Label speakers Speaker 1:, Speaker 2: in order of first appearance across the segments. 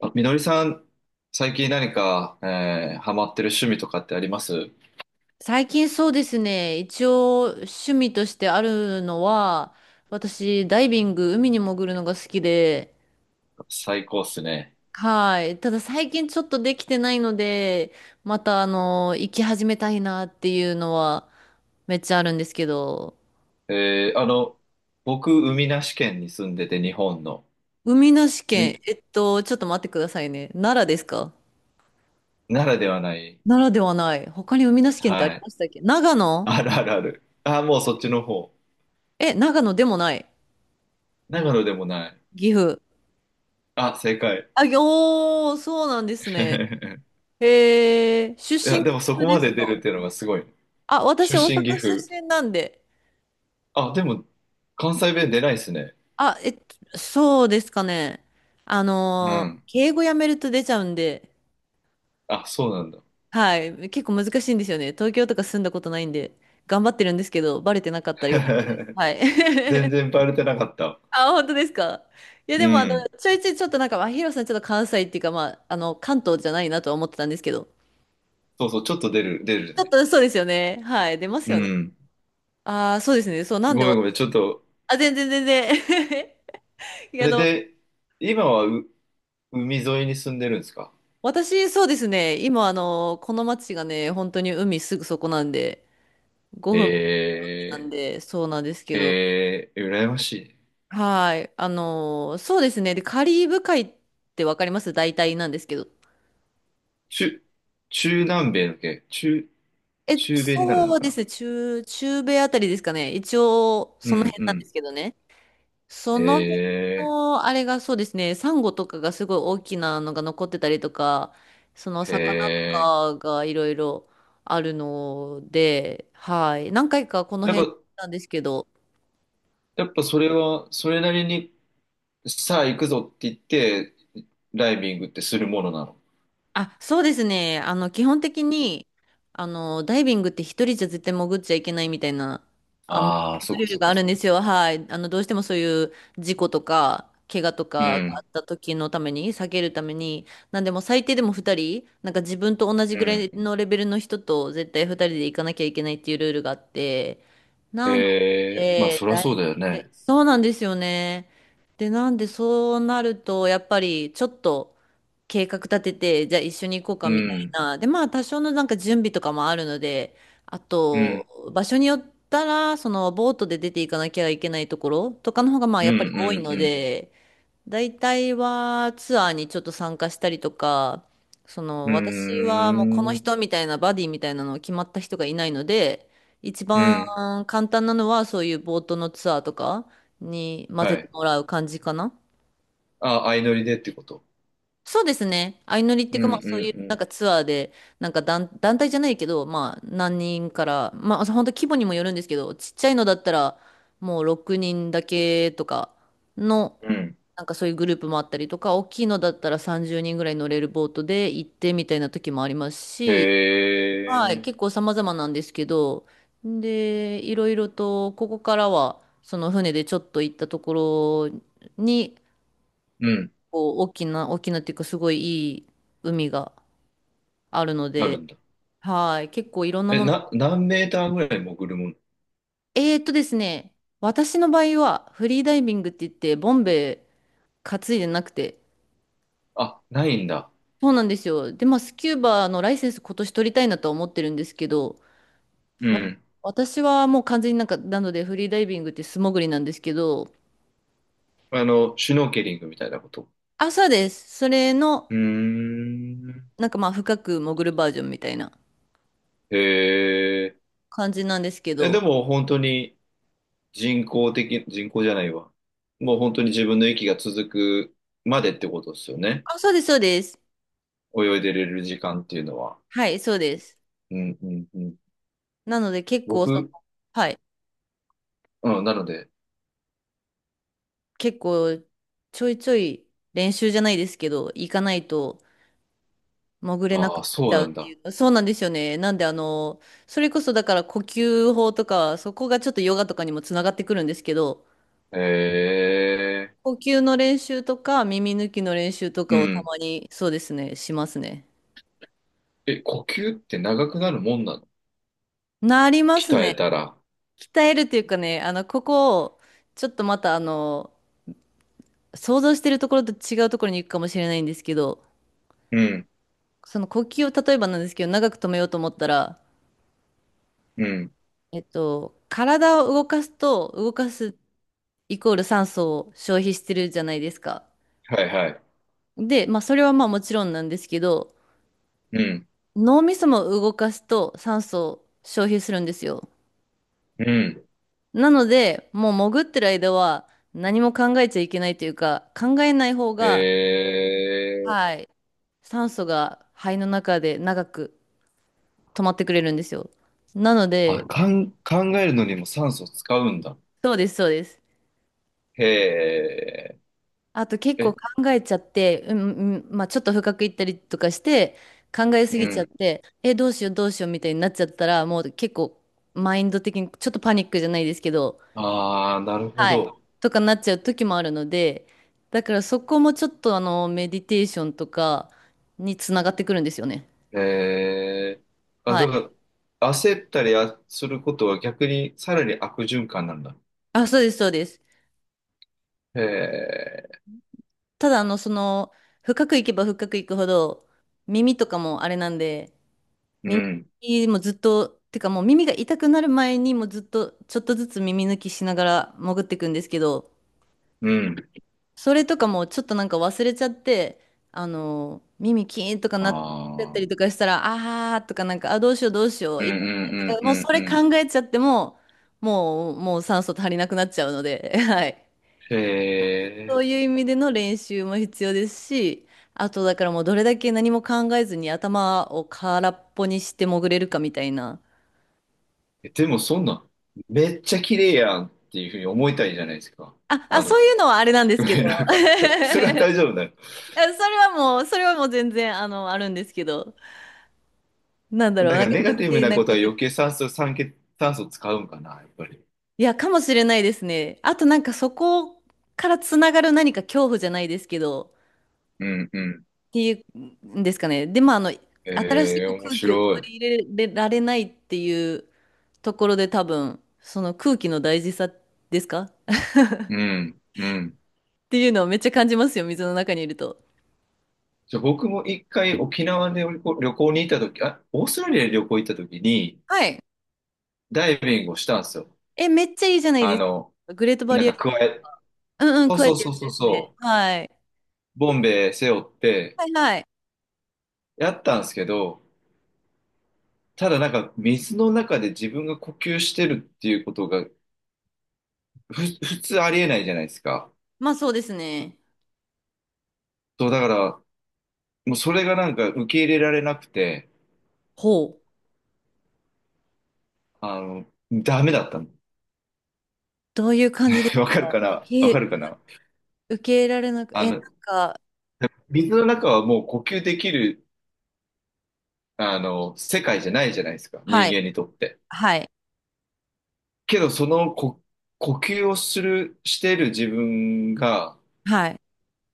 Speaker 1: あ、みのりさん、最近何か、ハマってる趣味とかってあります？
Speaker 2: 最近そうですね。一応趣味としてあるのは、私ダイビング、海に潜るのが好きで、
Speaker 1: 最高っすね。
Speaker 2: はい。ただ最近ちょっとできてないので、また行き始めたいなっていうのはめっちゃあるんですけど、
Speaker 1: えーあの、僕、海なし県に住んでて、日本の、
Speaker 2: 海なし
Speaker 1: み、
Speaker 2: 県、ちょっと待ってくださいね。奈良ですか？
Speaker 1: ならではない。
Speaker 2: 奈良ではない。他に海なし県ってあ
Speaker 1: は
Speaker 2: り
Speaker 1: い。
Speaker 2: ましたっけ？長野？
Speaker 1: あるあるある。あ、もうそっちの方。
Speaker 2: え、長野でもない。
Speaker 1: 長野でもない。
Speaker 2: 岐阜。
Speaker 1: あ、正解。
Speaker 2: あ、ぎおー、そうなんですね。へえ、出
Speaker 1: い
Speaker 2: 身
Speaker 1: や、で
Speaker 2: が
Speaker 1: も
Speaker 2: 岐
Speaker 1: そ
Speaker 2: 阜
Speaker 1: こ
Speaker 2: で
Speaker 1: ま
Speaker 2: す
Speaker 1: で出
Speaker 2: か？
Speaker 1: るっていうのがすごい。
Speaker 2: あ、
Speaker 1: 出
Speaker 2: 私、大
Speaker 1: 身岐
Speaker 2: 阪出
Speaker 1: 阜。
Speaker 2: 身なんで。
Speaker 1: あ、でも、関西弁出ないっすね。
Speaker 2: あ、そうですかね。
Speaker 1: うん。
Speaker 2: 敬語やめると出ちゃうんで、
Speaker 1: あ、そうなんだ。
Speaker 2: はい、結構難しいんですよね。東京とか住んだことないんで、頑張ってるんですけど、バレてなかったらよかったです。はい。
Speaker 1: 全然 バレてなかった。
Speaker 2: あ、本当ですか。いや、
Speaker 1: う
Speaker 2: でも、
Speaker 1: ん。
Speaker 2: ちょいちょいちょっとヒロさん、ちょっと関西っていうか、関東じゃないなとは思ってたんですけど、
Speaker 1: そうそう、ちょっと出る、出る
Speaker 2: ちょっ
Speaker 1: ね。
Speaker 2: とそうですよね。はい、出ます
Speaker 1: う
Speaker 2: よね。
Speaker 1: ん。
Speaker 2: ああ、そうですね。そう、なんで
Speaker 1: ごめん
Speaker 2: 私、
Speaker 1: ごめん、ちょっと。
Speaker 2: あ、全然全然。い
Speaker 1: そ
Speaker 2: や
Speaker 1: れで、今は海沿いに住んでるんですか？
Speaker 2: 私、そうですね。今、この町がね、本当に海すぐそこなんで、5分なん
Speaker 1: え
Speaker 2: で、そうなんですけ
Speaker 1: ー、
Speaker 2: ど。
Speaker 1: えー、羨ましい。
Speaker 2: はい。そうですね。で、カリブ海ってわかります？大体なんですけど。
Speaker 1: 中、中南米の系、
Speaker 2: え、
Speaker 1: 中米になるの
Speaker 2: そう
Speaker 1: か
Speaker 2: で
Speaker 1: な？
Speaker 2: すね。中、中米あたりですかね。一応、
Speaker 1: う
Speaker 2: その
Speaker 1: ん
Speaker 2: 辺
Speaker 1: う
Speaker 2: なんで
Speaker 1: ん。
Speaker 2: すけどね。その辺
Speaker 1: え
Speaker 2: の、あれがそうですね、サンゴとかがすごい大きなのが残ってたりとか、その
Speaker 1: ー、
Speaker 2: 魚と
Speaker 1: え
Speaker 2: かがいろいろあるので、はい。何回かこの
Speaker 1: ー。やっ
Speaker 2: 辺に行
Speaker 1: ぱ、
Speaker 2: ったんですけど、
Speaker 1: やっぱそれは、それなりに、さあ行くぞって言って、ダイビングってするものなの？
Speaker 2: あ、そうですね。基本的に、ダイビングって一人じゃ絶対潜っちゃいけないみたいな、あの、
Speaker 1: ああー、そっ
Speaker 2: ル
Speaker 1: か
Speaker 2: ール
Speaker 1: そっ
Speaker 2: が
Speaker 1: か
Speaker 2: あるん
Speaker 1: そっ
Speaker 2: で
Speaker 1: か
Speaker 2: す
Speaker 1: そっ
Speaker 2: よ。
Speaker 1: か。
Speaker 2: はい。どうしてもそういう事故とか、怪我と
Speaker 1: う
Speaker 2: かがあっ
Speaker 1: ん、
Speaker 2: た時のために、避けるために、なんでもう最低でも二人、なんか自分と同じ
Speaker 1: う
Speaker 2: ぐらい
Speaker 1: ん。
Speaker 2: のレベルの人と絶対二人で行かなきゃいけないっていうルールがあって、なの
Speaker 1: えー、まあ
Speaker 2: で、
Speaker 1: そりゃそ
Speaker 2: 大
Speaker 1: うだよ
Speaker 2: 体、
Speaker 1: ね。
Speaker 2: そうなんですよね。で、なんでそうなると、やっぱりちょっと、計画立てて、じゃあ一緒に行こうか
Speaker 1: う
Speaker 2: みたい
Speaker 1: ん、
Speaker 2: な。で、まあ多少のなんか準備とかもあるので、あ
Speaker 1: う
Speaker 2: と、
Speaker 1: ん、
Speaker 2: 場所によったら、そのボートで出ていかなきゃいけないところとかの方がまあ
Speaker 1: うん、
Speaker 2: やっぱり多いの
Speaker 1: うん、
Speaker 2: で、大体はツアーにちょっと参加したりとか、そ
Speaker 1: う
Speaker 2: の私はもうこの
Speaker 1: ん。うーん、
Speaker 2: 人みたいなバディみたいなの決まった人がいないので、一
Speaker 1: う
Speaker 2: 番
Speaker 1: ん。
Speaker 2: 簡単なのはそういうボートのツアーとかに混ぜ
Speaker 1: は
Speaker 2: て
Speaker 1: い。
Speaker 2: もらう感じかな。
Speaker 1: あ、相乗りでってこと？
Speaker 2: そうですね。相乗りってい
Speaker 1: う
Speaker 2: う
Speaker 1: ん、
Speaker 2: か、まあそう
Speaker 1: う
Speaker 2: いうなん
Speaker 1: ん、
Speaker 2: かツアーで、団体じゃないけど、まあ何人から、まあ本当規模にもよるんですけど、ちっちゃいのだったらもう6人だけとかの、
Speaker 1: うん。うん。
Speaker 2: なんかそういうグループもあったりとか、大きいのだったら30人ぐらい乗れるボートで行ってみたいな時もあります
Speaker 1: へ
Speaker 2: し、はい、結
Speaker 1: え。
Speaker 2: 構様々なんですけど、で、いろいろと、ここからは、その船でちょっと行ったところに、
Speaker 1: うん。
Speaker 2: 構大きな、大きなっていうかすごいいい海があるの
Speaker 1: ある
Speaker 2: で、
Speaker 1: んだ。
Speaker 2: はい、結構いろんな
Speaker 1: え、
Speaker 2: もの。
Speaker 1: 何メーターぐらい潜るもの？
Speaker 2: えっとですね、私の場合はフリーダイビングって言って、ボンベ担いでなくて、
Speaker 1: あ、ないんだ。
Speaker 2: そうなんですよ。で、まあ、スキューバのライセンス今年取りたいなとは思ってるんですけど、
Speaker 1: うん。
Speaker 2: 私はもう完全になんか、なのでフリーダイビングって素潜りなんですけど、
Speaker 1: あの、シュノーケリングみたいなこと？
Speaker 2: 朝です。それの、
Speaker 1: うーん。
Speaker 2: なんかまあ、深く潜るバージョンみたいな
Speaker 1: へえ。
Speaker 2: 感じなんですけ
Speaker 1: え、で
Speaker 2: ど、
Speaker 1: も本当に人工的、人工じゃないわ。もう本当に自分の息が続くまでってことですよね。
Speaker 2: あ、そうです、そうです。
Speaker 1: 泳いでれる時間っていうのは。
Speaker 2: はい、そうです。
Speaker 1: うん、うん、うん。
Speaker 2: なので結構その、
Speaker 1: 僕、
Speaker 2: はい、
Speaker 1: うん、なので、
Speaker 2: 結構ちょいちょい練習じゃないですけど、行かないと潜れな
Speaker 1: あ
Speaker 2: くな
Speaker 1: あ、
Speaker 2: っち
Speaker 1: そう
Speaker 2: ゃう
Speaker 1: な
Speaker 2: っ
Speaker 1: ん
Speaker 2: て
Speaker 1: だ。
Speaker 2: いう。そうなんですよね。なんであの、それこそだから呼吸法とか、そこがちょっとヨガとかにもつながってくるんですけど、
Speaker 1: へえ、
Speaker 2: 呼吸の練習とか耳抜きの練習と
Speaker 1: う
Speaker 2: かをた
Speaker 1: ん。
Speaker 2: まに、そうですね、しますね。
Speaker 1: え、呼吸って長くなるもんなの？
Speaker 2: なりま
Speaker 1: 鍛
Speaker 2: す
Speaker 1: え
Speaker 2: ね。
Speaker 1: たら。
Speaker 2: 鍛えるっていうかね、ここをちょっとまた想像してるところと違うところに行くかもしれないんですけど、
Speaker 1: うん、
Speaker 2: その呼吸を例えばなんですけど、長く止めようと思ったら、
Speaker 1: うん。
Speaker 2: 体を動かすと、動かすイコール酸素を消費してるじゃないですか。
Speaker 1: はいはい。
Speaker 2: で、まあ、それはまあもちろんなんですけど、
Speaker 1: うん、
Speaker 2: 脳みそも動かすと酸素を消費するんですよ。
Speaker 1: うん。
Speaker 2: なので、もう潜ってる間は何も考えちゃいけないというか、考えない方が、
Speaker 1: へえ、
Speaker 2: はい、酸素が肺の中で長く止まってくれるんですよ。なの
Speaker 1: あ、
Speaker 2: で、
Speaker 1: 考えるのにも酸素使うんだ。
Speaker 2: そうです、そうです。
Speaker 1: へえ、
Speaker 2: あと結構
Speaker 1: え、
Speaker 2: 考えちゃって、うん、うんまあ、ちょっと深くいったりとかして、考えす
Speaker 1: う
Speaker 2: ぎちゃっ
Speaker 1: ん。
Speaker 2: て、え、どうしようどうしようみたいになっちゃったら、もう結構マインド的にちょっとパニックじゃないですけど、
Speaker 1: ああ、なるほ
Speaker 2: はい、
Speaker 1: ど。
Speaker 2: とかなっちゃう時もあるので、だからそこもちょっとメディテーションとかにつながってくるんですよね。
Speaker 1: えー、あ、
Speaker 2: は
Speaker 1: だ
Speaker 2: い。
Speaker 1: から、焦ったりすることは逆にさらに悪循環なんだ。
Speaker 2: あ、そうです、そうです。
Speaker 1: へえ、
Speaker 2: ただその、深くいけば深くいくほど、耳とかもあれなんで、
Speaker 1: う
Speaker 2: 耳
Speaker 1: ん、
Speaker 2: もずっと、てかもう耳が痛くなる前にもうずっとちょっとずつ耳抜きしながら潜っていくんですけど、
Speaker 1: うん。
Speaker 2: それとかもちょっとなんか忘れちゃって、耳キーンとか
Speaker 1: あ
Speaker 2: なっちゃったりと
Speaker 1: あ、
Speaker 2: かしたら、あーとかなんか、あ、どうしようどうしよ
Speaker 1: う
Speaker 2: う、
Speaker 1: んう
Speaker 2: 痛い痛いと
Speaker 1: ん
Speaker 2: か、
Speaker 1: うん
Speaker 2: も
Speaker 1: う
Speaker 2: うそ
Speaker 1: ん
Speaker 2: れ
Speaker 1: うん。
Speaker 2: 考えちゃっても、もう酸素足りなくなっちゃうので、はい。
Speaker 1: へ
Speaker 2: そういう
Speaker 1: ー
Speaker 2: 意味での練習も必要ですし、あとだからもうどれだけ何も考えずに頭を空っぽにして潜れるかみたいな。
Speaker 1: え、でもそんな、めっちゃ綺麗やんっていうふうに思いたいじゃないですか。
Speaker 2: あ、あ、
Speaker 1: あの、
Speaker 2: そういうのはあれなんで すけど、
Speaker 1: なん
Speaker 2: あ
Speaker 1: か、それは大丈夫だよ。
Speaker 2: それはもう、それはもう全然、あるんですけど、なんだ
Speaker 1: だ
Speaker 2: ろう、
Speaker 1: か
Speaker 2: なん
Speaker 1: ら
Speaker 2: か
Speaker 1: ネガ
Speaker 2: 余
Speaker 1: ティブ
Speaker 2: 計
Speaker 1: な
Speaker 2: な
Speaker 1: こと
Speaker 2: こ
Speaker 1: は
Speaker 2: と
Speaker 1: 余
Speaker 2: と。
Speaker 1: 計酸素、酸欠、酸素使うんかな、やっぱり。
Speaker 2: いや、かもしれないですね。あとなんかそこからつながる何か恐怖じゃないですけど、
Speaker 1: うんうん。
Speaker 2: っていうんですかね。で、新し
Speaker 1: ええ、
Speaker 2: く
Speaker 1: 面
Speaker 2: 空気を取
Speaker 1: 白い。
Speaker 2: り入れられないっていうところで多分、その空気の大事さですかっ
Speaker 1: うん、うん。
Speaker 2: ていうのをめっちゃ感じますよ、水の中にいると。
Speaker 1: じゃあ僕も一回沖縄で旅行、旅行に行った時、あ、オーストラリアで旅行行った時に、
Speaker 2: はい。
Speaker 1: ダイビングをしたんですよ。
Speaker 2: え、めっちゃいいじゃないで
Speaker 1: あ
Speaker 2: す
Speaker 1: の、
Speaker 2: か。グレートバ
Speaker 1: なん
Speaker 2: リア
Speaker 1: か
Speaker 2: リー
Speaker 1: 加
Speaker 2: フです。
Speaker 1: え、
Speaker 2: うんうん、
Speaker 1: そう
Speaker 2: 加
Speaker 1: そ
Speaker 2: え
Speaker 1: う
Speaker 2: て
Speaker 1: そ
Speaker 2: る
Speaker 1: う
Speaker 2: ん
Speaker 1: そう
Speaker 2: ですね。
Speaker 1: そ
Speaker 2: はい。
Speaker 1: う、ボンベ背負って
Speaker 2: はいはい。
Speaker 1: やったんですけど、ただなんか水の中で自分が呼吸してるっていうことが、普通ありえないじゃないですか。
Speaker 2: まあそうですね。
Speaker 1: そう、だから、もうそれがなんか受け入れられなくて、
Speaker 2: ほう。
Speaker 1: あの、ダメだったの。
Speaker 2: どういう感じです
Speaker 1: わかる
Speaker 2: か？
Speaker 1: かなわか
Speaker 2: け、
Speaker 1: るかな
Speaker 2: 受け入れられなく、え、
Speaker 1: あ
Speaker 2: なん
Speaker 1: の、
Speaker 2: か、
Speaker 1: 水の中はもう呼吸できる世界じゃないじゃないですか、人
Speaker 2: はい、
Speaker 1: 間にとって。
Speaker 2: はい、
Speaker 1: けど、そのこ呼吸をする、してる自分が、っ
Speaker 2: はい。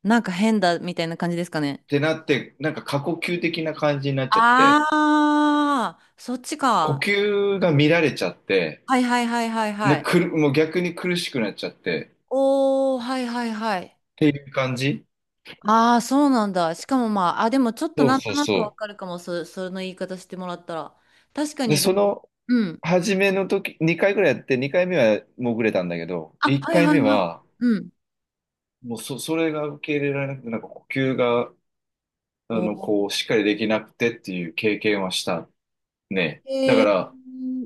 Speaker 2: なんか変だみたいな感じですかね。
Speaker 1: てなって、なんか過呼吸的な感じになっちゃって、
Speaker 2: ああ、そっち
Speaker 1: 呼
Speaker 2: か。
Speaker 1: 吸が乱れちゃって、
Speaker 2: はいはいはいはいは
Speaker 1: な
Speaker 2: い。
Speaker 1: くる、もう逆に苦しくなっちゃって、
Speaker 2: おー、はいはいは
Speaker 1: っ
Speaker 2: い。
Speaker 1: ていう感じ。
Speaker 2: ああ、そうなんだ。しかもまあ、あ、でもちょっと
Speaker 1: そう
Speaker 2: なん
Speaker 1: そ
Speaker 2: と
Speaker 1: う
Speaker 2: なくわ
Speaker 1: そ
Speaker 2: かるかも、そ、その言い方してもらったら。確か
Speaker 1: う。で、
Speaker 2: に、でも、うん。
Speaker 1: 初めの時、2回ぐらいやって、2回目は潜れたんだけど、
Speaker 2: あ、
Speaker 1: 1
Speaker 2: はい
Speaker 1: 回
Speaker 2: はい
Speaker 1: 目
Speaker 2: はい。
Speaker 1: は、
Speaker 2: うん。
Speaker 1: もうそれが受け入れられなくて、なんか呼吸が、
Speaker 2: お
Speaker 1: こ
Speaker 2: ー、
Speaker 1: う、しっかりできなくてっていう経験はした。ね。だ
Speaker 2: え
Speaker 1: か
Speaker 2: ー、
Speaker 1: ら、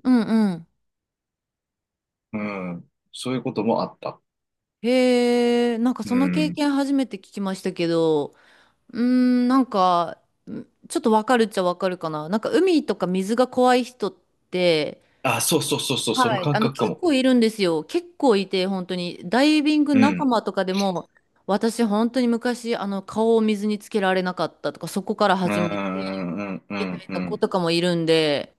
Speaker 2: うんうん。
Speaker 1: うん、そういうこともあった。
Speaker 2: へえ、なんか
Speaker 1: う
Speaker 2: その経
Speaker 1: ん。
Speaker 2: 験初めて聞きましたけど、うーん、なんか、んちょっとわかるっちゃわかるかな。なんか海とか水が怖い人って、
Speaker 1: あ、そうそうそうそう、その
Speaker 2: はい。
Speaker 1: 感覚か
Speaker 2: 結
Speaker 1: も。
Speaker 2: 構いるんですよ。結構いて、本当に。ダイビング
Speaker 1: う
Speaker 2: 仲
Speaker 1: ん。
Speaker 2: 間とかでも、私本当に昔、顔を水につけられなかったとか、そこから
Speaker 1: う
Speaker 2: 始めて、
Speaker 1: ん、うん、う
Speaker 2: みた
Speaker 1: ん、
Speaker 2: い
Speaker 1: う
Speaker 2: な子
Speaker 1: ん。
Speaker 2: とかもいるんで、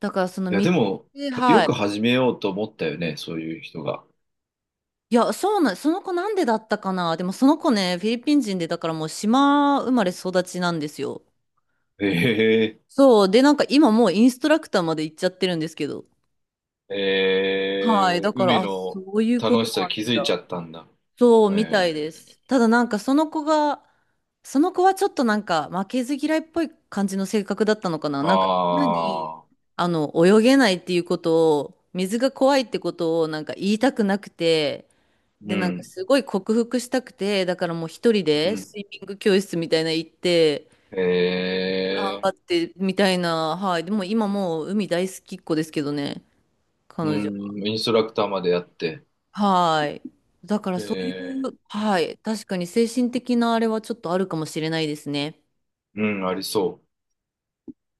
Speaker 2: だからその
Speaker 1: いや、
Speaker 2: 水、
Speaker 1: でも、よ
Speaker 2: はい。
Speaker 1: く始めようと思ったよね、そういう人が。
Speaker 2: いや、そうなん、その子なんでだったかな。でもその子ね、フィリピン人で、だからもう島生まれ育ちなんですよ。
Speaker 1: ええ
Speaker 2: そう。で、なんか今もうインストラクターまで行っちゃってるんですけど。はい。
Speaker 1: え
Speaker 2: だ
Speaker 1: ー、
Speaker 2: から、
Speaker 1: 海
Speaker 2: あ、
Speaker 1: の
Speaker 2: そういうこ
Speaker 1: 楽
Speaker 2: と
Speaker 1: し
Speaker 2: も
Speaker 1: さ
Speaker 2: ある
Speaker 1: 気
Speaker 2: ん
Speaker 1: づいちゃ
Speaker 2: だ。
Speaker 1: ったんだ。
Speaker 2: そう、みたい
Speaker 1: え
Speaker 2: で
Speaker 1: え
Speaker 2: す。ただなんかその子が、その子はちょっとなんか負けず嫌いっぽい感じの性格だったのかな。なんかみんなに、
Speaker 1: ああ、
Speaker 2: 泳げないっていうことを、水が怖いってことをなんか言いたくなくて、
Speaker 1: う
Speaker 2: で、なんか
Speaker 1: ん、
Speaker 2: すごい克服したくて、だからもう一人
Speaker 1: う
Speaker 2: で
Speaker 1: ん。
Speaker 2: スイミング教室みたいなの行って、
Speaker 1: え
Speaker 2: 頑
Speaker 1: え
Speaker 2: 張ってみたいな、はい。でも今もう海大好きっ子ですけどね、
Speaker 1: う
Speaker 2: 彼女
Speaker 1: ん、インストラクターまでやって。
Speaker 2: は。はい。だからそういう、
Speaker 1: ええ
Speaker 2: はい。確かに精神的なあれはちょっとあるかもしれないですね。
Speaker 1: うん、ありそう。